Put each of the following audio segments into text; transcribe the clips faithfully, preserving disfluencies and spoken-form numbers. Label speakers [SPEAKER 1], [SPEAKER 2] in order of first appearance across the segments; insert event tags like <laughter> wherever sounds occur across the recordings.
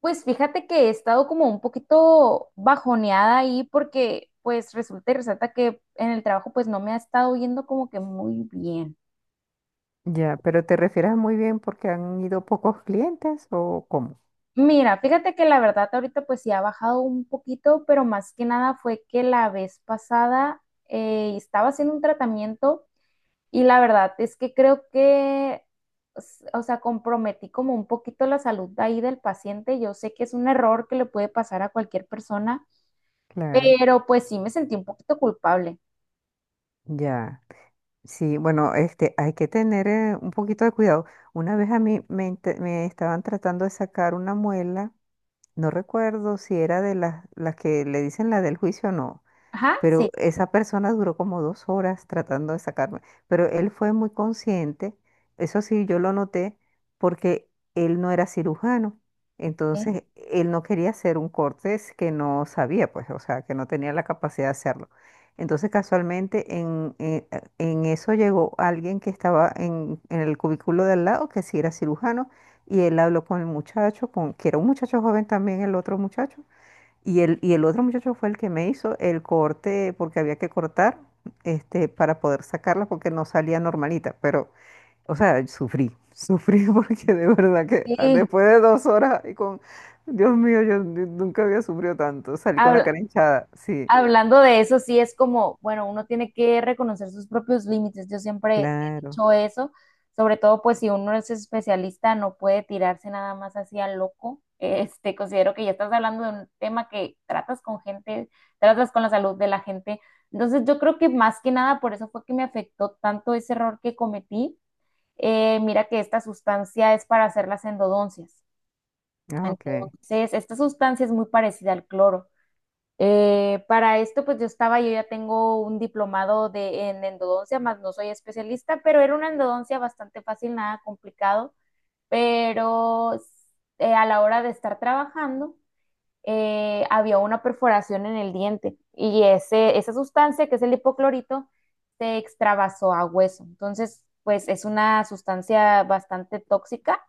[SPEAKER 1] Pues fíjate que he estado como un poquito bajoneada ahí porque pues resulta y resalta que en el trabajo pues no me ha estado yendo como que muy bien.
[SPEAKER 2] Ya, pero te refieres muy bien porque han ido pocos clientes o cómo?
[SPEAKER 1] Mira, fíjate que la verdad ahorita pues sí ha bajado un poquito, pero más que nada fue que la vez pasada eh, estaba haciendo un tratamiento y la verdad es que creo que, s- o sea, comprometí como un poquito la salud de ahí del paciente. Yo sé que es un error que le puede pasar a cualquier persona,
[SPEAKER 2] Claro,
[SPEAKER 1] pero pues sí me sentí un poquito culpable.
[SPEAKER 2] ya. Sí, bueno, este, hay que tener eh, un poquito de cuidado. Una vez a mí me, inte- me estaban tratando de sacar una muela, no recuerdo si era de las, las que le dicen la del juicio o no.
[SPEAKER 1] Ajá,
[SPEAKER 2] Pero
[SPEAKER 1] sí,
[SPEAKER 2] esa persona duró como dos horas tratando de sacarme. Pero él fue muy consciente, eso sí, yo lo noté, porque él no era cirujano. Entonces, él no quería hacer un corte es que no sabía, pues, o sea, que no tenía la capacidad de hacerlo. Entonces, casualmente, en, en- en eso llegó alguien que estaba en, en el cubículo de al lado, que sí era cirujano, y él habló con el muchacho, con, que era un muchacho joven también, el otro muchacho. Y el, y el otro muchacho fue el que me hizo el corte, porque había que cortar, este, para poder sacarla, porque no salía normalita. Pero, o sea, sufrí, sufrí <laughs> porque de verdad que ah,
[SPEAKER 1] sí.
[SPEAKER 2] después de dos horas y con, Dios mío, yo nu- nunca había sufrido tanto. Salí con la
[SPEAKER 1] Habla-
[SPEAKER 2] cara hinchada, sí,
[SPEAKER 1] Hablando de eso, sí es como, bueno, uno tiene que reconocer sus propios límites. Yo siempre he
[SPEAKER 2] claro.
[SPEAKER 1] dicho eso, sobre todo pues si uno es especialista, no puede tirarse nada más así al loco. Este, considero que ya estás hablando de un tema que tratas con gente, tratas con la salud de la gente. Entonces, yo creo que más que nada por eso fue que me afectó tanto ese error que cometí. Eh, mira que esta sustancia es para hacer las endodoncias.
[SPEAKER 2] Ah, ok.
[SPEAKER 1] Entonces, esta sustancia es muy parecida al cloro. Eh, para esto, pues yo estaba, yo ya tengo un diplomado de, en endodoncia, más no soy especialista, pero era una endodoncia bastante fácil, nada complicado, pero eh, a la hora de estar trabajando, eh, había una perforación en el diente y ese, esa sustancia, que es el hipoclorito, se extravasó a hueso. Entonces, pues es una sustancia bastante tóxica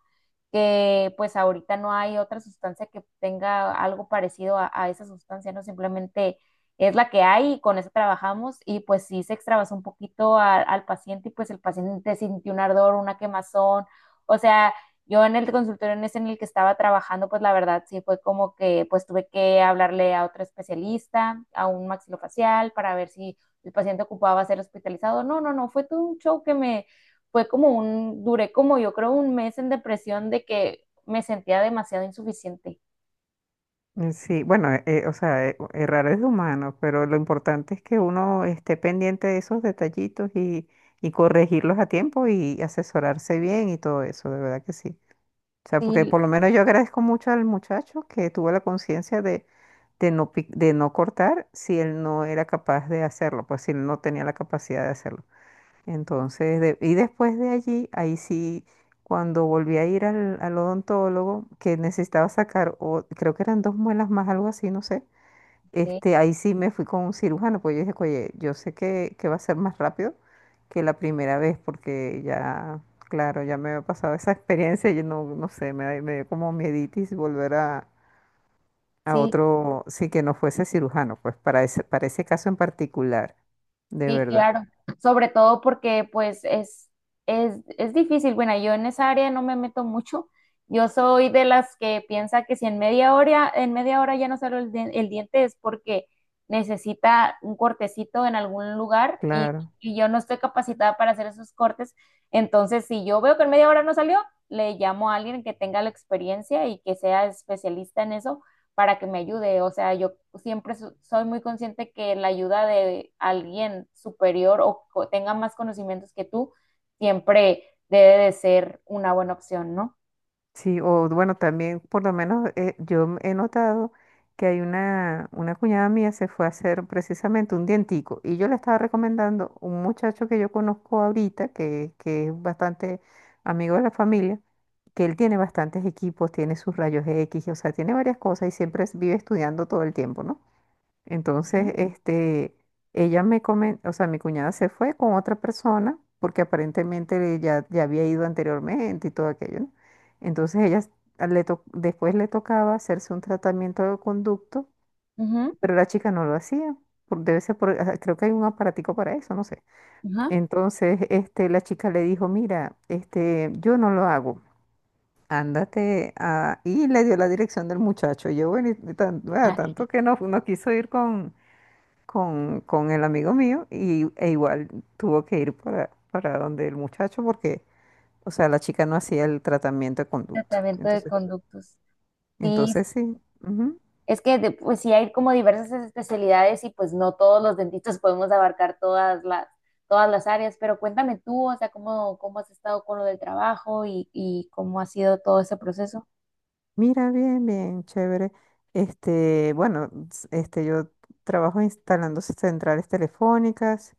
[SPEAKER 1] que pues ahorita no hay otra sustancia que tenga algo parecido a, a esa sustancia, ¿no? Simplemente es la que hay y con eso trabajamos y pues sí se extravasó un poquito a- al paciente y pues el paciente sintió un ardor, una quemazón, o sea, yo en el consultorio en ese en el que estaba trabajando, pues la verdad sí fue como que pues tuve que hablarle a otro especialista, a un maxilofacial, para ver si el paciente ocupaba ser hospitalizado. No, no, no, fue todo un show que me fue como un, duré como yo creo un mes en depresión de que me sentía demasiado insuficiente.
[SPEAKER 2] Eh, Sí, bueno, eh, eh, o sea, eh, errar es de humano, pero lo importante es que uno esté pendiente de esos detallitos y, y corregirlos a tiempo y asesorarse bien y todo eso, de verdad que sí. O sea, porque
[SPEAKER 1] Sí,
[SPEAKER 2] por lo menos yo agradezco mucho al muchacho que tuvo la conciencia de, de no, pic- de no cortar si él no era capaz de hacerlo, pues si él no tenía la capacidad de hacerlo. Entonces, de- y después de allí, ahí sí, cuando volví a ir al, al odontólogo, que necesitaba sacar, o, creo que eran dos muelas más, algo así, no sé.
[SPEAKER 1] ok,
[SPEAKER 2] Este, ahí sí me fui con un cirujano, pues yo dije, oye, yo sé que, que va a ser más rápido que la primera vez, porque ya, claro, ya me había pasado esa <laughs> experiencia, yo no, no sé, me, da- me dio como mieditis volver a, a
[SPEAKER 1] sí,
[SPEAKER 2] otro, sí, que no fuese cirujano, pues para ese, para ese caso en particular, de
[SPEAKER 1] sí,
[SPEAKER 2] verdad,
[SPEAKER 1] claro, sobre todo porque pues es, es, es difícil. Bueno, yo en esa área no me meto mucho. Yo soy de las que piensa que si en media hora, en media hora ya no salió el, di- el diente es porque necesita un cortecito en algún lugar y,
[SPEAKER 2] claro.
[SPEAKER 1] y yo no estoy capacitada para hacer esos cortes. Entonces, si yo veo que en media hora no salió, le llamo a alguien que tenga la experiencia y que sea especialista en eso para que me ayude. O sea, yo siempre so- soy muy consciente que la ayuda de alguien superior o co- tenga más conocimientos que tú siempre debe de ser una buena opción, ¿no?
[SPEAKER 2] Sí, o bueno, también por lo menos eh, yo he notado que hay una, una cuñada mía se fue a hacer precisamente un dientico y yo le estaba recomendando un muchacho que yo conozco ahorita, que, que es bastante amigo de la familia, que él tiene bastantes equipos, tiene sus rayos X, o sea, tiene varias cosas y siempre es- vive estudiando todo el tiempo, ¿no? Entonces, este, ella me comentó, o sea, mi cuñada se fue con otra persona porque aparentemente ya, ya había ido anteriormente y todo aquello, ¿no? Entonces, ella s- a- le to- después le tocaba hacerse un tratamiento de conducto,
[SPEAKER 1] Ujú,
[SPEAKER 2] pero la chica no lo hacía. por- Debe ser por, ah, creo que hay un aparatico para eso, no sé.
[SPEAKER 1] ajá.
[SPEAKER 2] Entonces, este, la chica le dijo, mira, este, yo no lo hago, ándate a... Y le dio la dirección del muchacho. Yo, bueno, y tan- ah,
[SPEAKER 1] Ah,
[SPEAKER 2] tanto que no, no quiso ir con, con, con el amigo mío y, e igual tuvo que ir para, para donde el muchacho porque, o sea, la chica no hacía el tratamiento de conducto.
[SPEAKER 1] tratamiento de
[SPEAKER 2] Entonces,
[SPEAKER 1] conductos. Sí,
[SPEAKER 2] entonces sí. Ujú.
[SPEAKER 1] es que de- pues sí hay como diversas especialidades y pues no todos los dentistas podemos abarcar todas las todas las áreas, pero cuéntame tú, o sea, cómo, cómo has estado con lo del trabajo y, y cómo ha sido todo ese proceso.
[SPEAKER 2] Mira, bien, bien, chévere. Este, bueno, s- este, yo trabajo instalando centrales telefónicas,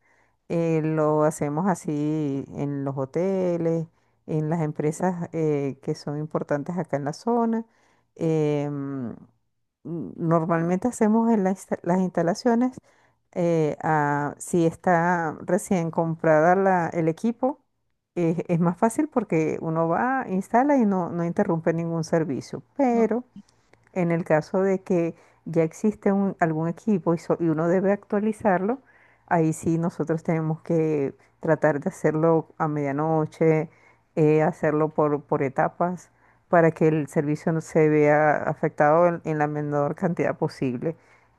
[SPEAKER 2] eh, lo hacemos así en los hoteles, en las empresas eh, que son importantes acá en la zona. Em, n- normalmente hacemos en la insta- las instalaciones, eh, a- si está recién comprada la- el equipo es, es más fácil porque uno va, instala y no, no interrumpe ningún servicio, pero... En el caso de que ya existe un- algún equipo y, so- y uno debe actualizarlo, ahí sí nosotros tenemos que tratar de hacerlo a medianoche, eh, hacerlo por, por etapas, para que el servicio no se vea afectado en, en la menor cantidad posible.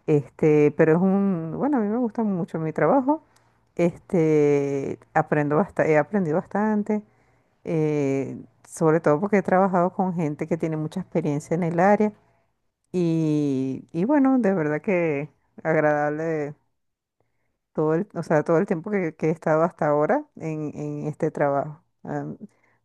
[SPEAKER 2] Este, pero es un, bueno, a mí me gusta mucho mi trabajo. Este, aprendo basta- he aprendido bastante, eh, sobre todo porque he trabajado con gente que tiene mucha experiencia en el área y, y bueno, de verdad que agradable todo el, o sea, todo el tiempo que, que he estado hasta ahora en, en este trabajo. A, a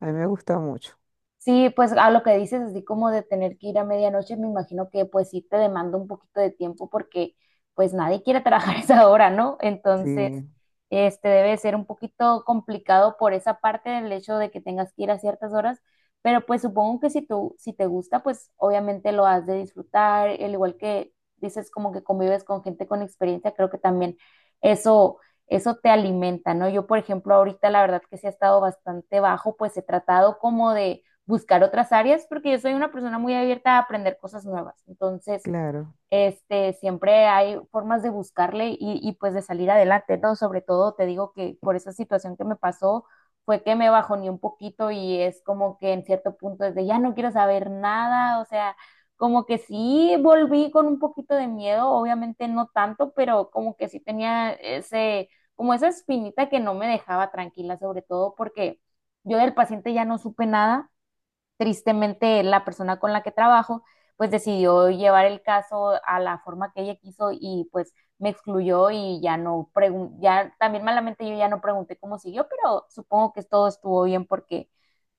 [SPEAKER 2] mí me gusta mucho.
[SPEAKER 1] Sí, pues a lo que dices, así como de tener que ir a medianoche, me imagino que pues sí te demanda un poquito de tiempo porque pues nadie quiere trabajar <laughs> esa hora, ¿no? Entonces…
[SPEAKER 2] Sí,
[SPEAKER 1] Este debe ser un poquito complicado por esa parte del hecho de que tengas que ir a ciertas horas, pero pues supongo que si tú, si te gusta, pues obviamente lo has de disfrutar, al igual que dices como que convives con gente con experiencia, creo que también eso, eso te alimenta, ¿no? Yo, por ejemplo, ahorita la verdad que sí ha estado bastante bajo, pues he tratado como de buscar otras áreas porque yo soy una persona muy abierta a aprender cosas nuevas. Entonces,
[SPEAKER 2] claro,
[SPEAKER 1] este, siempre hay formas de buscarle y, y pues de salir adelante, ¿no? Sobre todo te digo que por esa situación que me pasó fue que me bajoneé un poquito y es como que en cierto punto es de ya no quiero saber nada, o sea, como que sí volví con un poquito de miedo, obviamente no tanto, pero como que sí tenía ese, como esa espinita que no me dejaba tranquila, sobre todo porque yo del paciente ya no supe nada, tristemente la persona con la que trabajo pues decidió llevar el caso a la forma que ella quiso y pues me excluyó y ya no pregunté, ya también malamente yo ya no pregunté cómo siguió, pero supongo que todo estuvo bien porque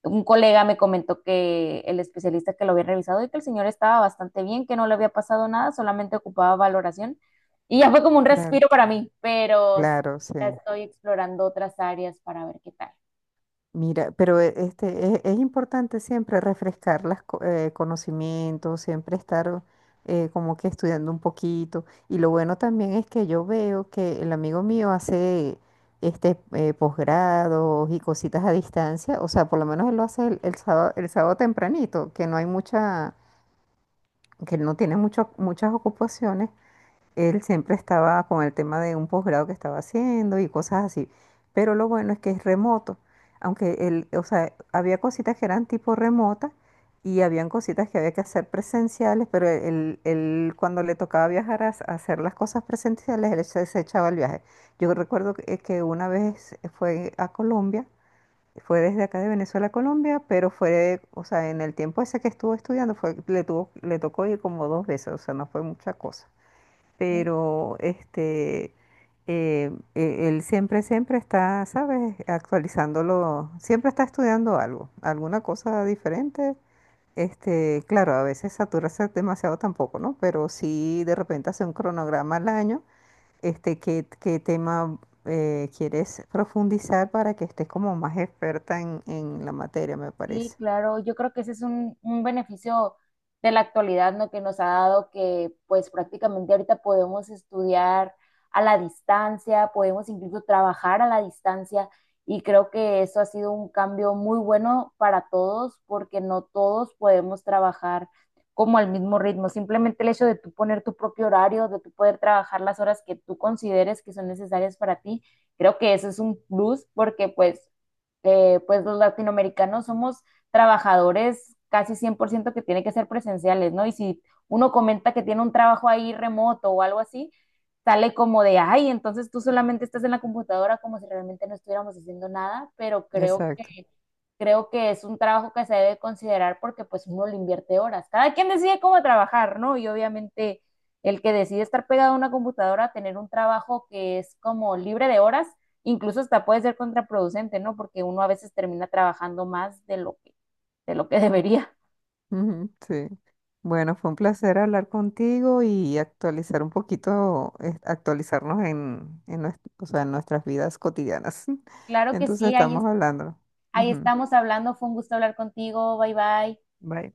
[SPEAKER 1] un colega me comentó que el especialista que lo había revisado y que el señor estaba bastante bien, que no le había pasado nada, solamente ocupaba valoración y ya fue como un
[SPEAKER 2] claro,
[SPEAKER 1] respiro para mí, pero
[SPEAKER 2] claro, sí.
[SPEAKER 1] estoy explorando otras áreas para ver qué tal.
[SPEAKER 2] Mira, pero e- este, es, es importante siempre refrescar los conocimientos, siempre estar eh, como que estudiando un poquito. Y lo bueno también es que yo veo que el amigo mío hace este eh, posgrados y cositas a distancia. O sea, por lo menos él lo hace el, el sábado, el sábado tempranito, que no hay mucha, que no tiene mucho, muchas ocupaciones. Él siempre estaba con el tema de un posgrado que estaba haciendo y cosas así. Pero lo bueno es que es remoto. Aunque él, o sea, había cositas que eran tipo remota y habían cositas que había que hacer presenciales, pero él, él cuando le tocaba viajar a, s- a hacer las cosas presenciales, él se, se echaba el viaje. Yo recuerdo que, que una vez fue a Colombia, fue desde acá de Venezuela a Colombia, pero fue, o sea, en el tiempo ese que estuvo estudiando, fue, le tuvo, le tocó ir como dos veces, o sea, no fue mucha cosa pero este, eh, e- él siempre, siempre está, ¿sabes? Actualizándolo, siempre está estudiando algo, alguna cosa diferente. Este, claro, a veces saturarse demasiado tampoco, ¿no? Pero sí de repente hace un cronograma al año, este, qué, qué tema eh, quieres profundizar para que estés como más experta en, en la materia, me
[SPEAKER 1] Sí,
[SPEAKER 2] parece.
[SPEAKER 1] claro, yo creo que ese es un, un beneficio de la actualidad, ¿no? Que nos ha dado que pues prácticamente ahorita podemos estudiar a la distancia, podemos incluso trabajar a la distancia y creo que eso ha sido un cambio muy bueno para todos porque no todos podemos trabajar como al mismo ritmo. Simplemente el hecho de tú poner tu propio horario, de tú poder trabajar las horas que tú consideres que son necesarias para ti, creo que eso es un plus porque pues eh, pues los latinoamericanos somos trabajadores casi cien por ciento que tiene que ser presenciales, ¿no? Y si uno comenta que tiene un trabajo ahí remoto o algo así, sale como de, ay, entonces tú solamente estás en la computadora como si realmente no estuviéramos haciendo nada, pero creo
[SPEAKER 2] Exacto.
[SPEAKER 1] que creo que es un trabajo que se debe considerar porque pues uno le invierte horas. Cada quien decide cómo trabajar, ¿no? Y obviamente el que decide estar pegado a una computadora, tener un trabajo que es como libre de horas, incluso hasta puede ser contraproducente, ¿no? Porque uno a veces termina trabajando más de lo que, de lo que <laughs> debería.
[SPEAKER 2] Ujú, sí. Bueno, fue un placer hablar contigo y actualizar un poquito, eh, actualizarnos en, en, nues- o sea, en nuestras vidas cotidianas. <laughs>
[SPEAKER 1] Claro que
[SPEAKER 2] Entonces
[SPEAKER 1] sí, ahí,
[SPEAKER 2] estamos hablando.
[SPEAKER 1] ahí
[SPEAKER 2] Ujú,
[SPEAKER 1] estamos hablando. Fue un gusto hablar contigo. Bye bye.
[SPEAKER 2] bye.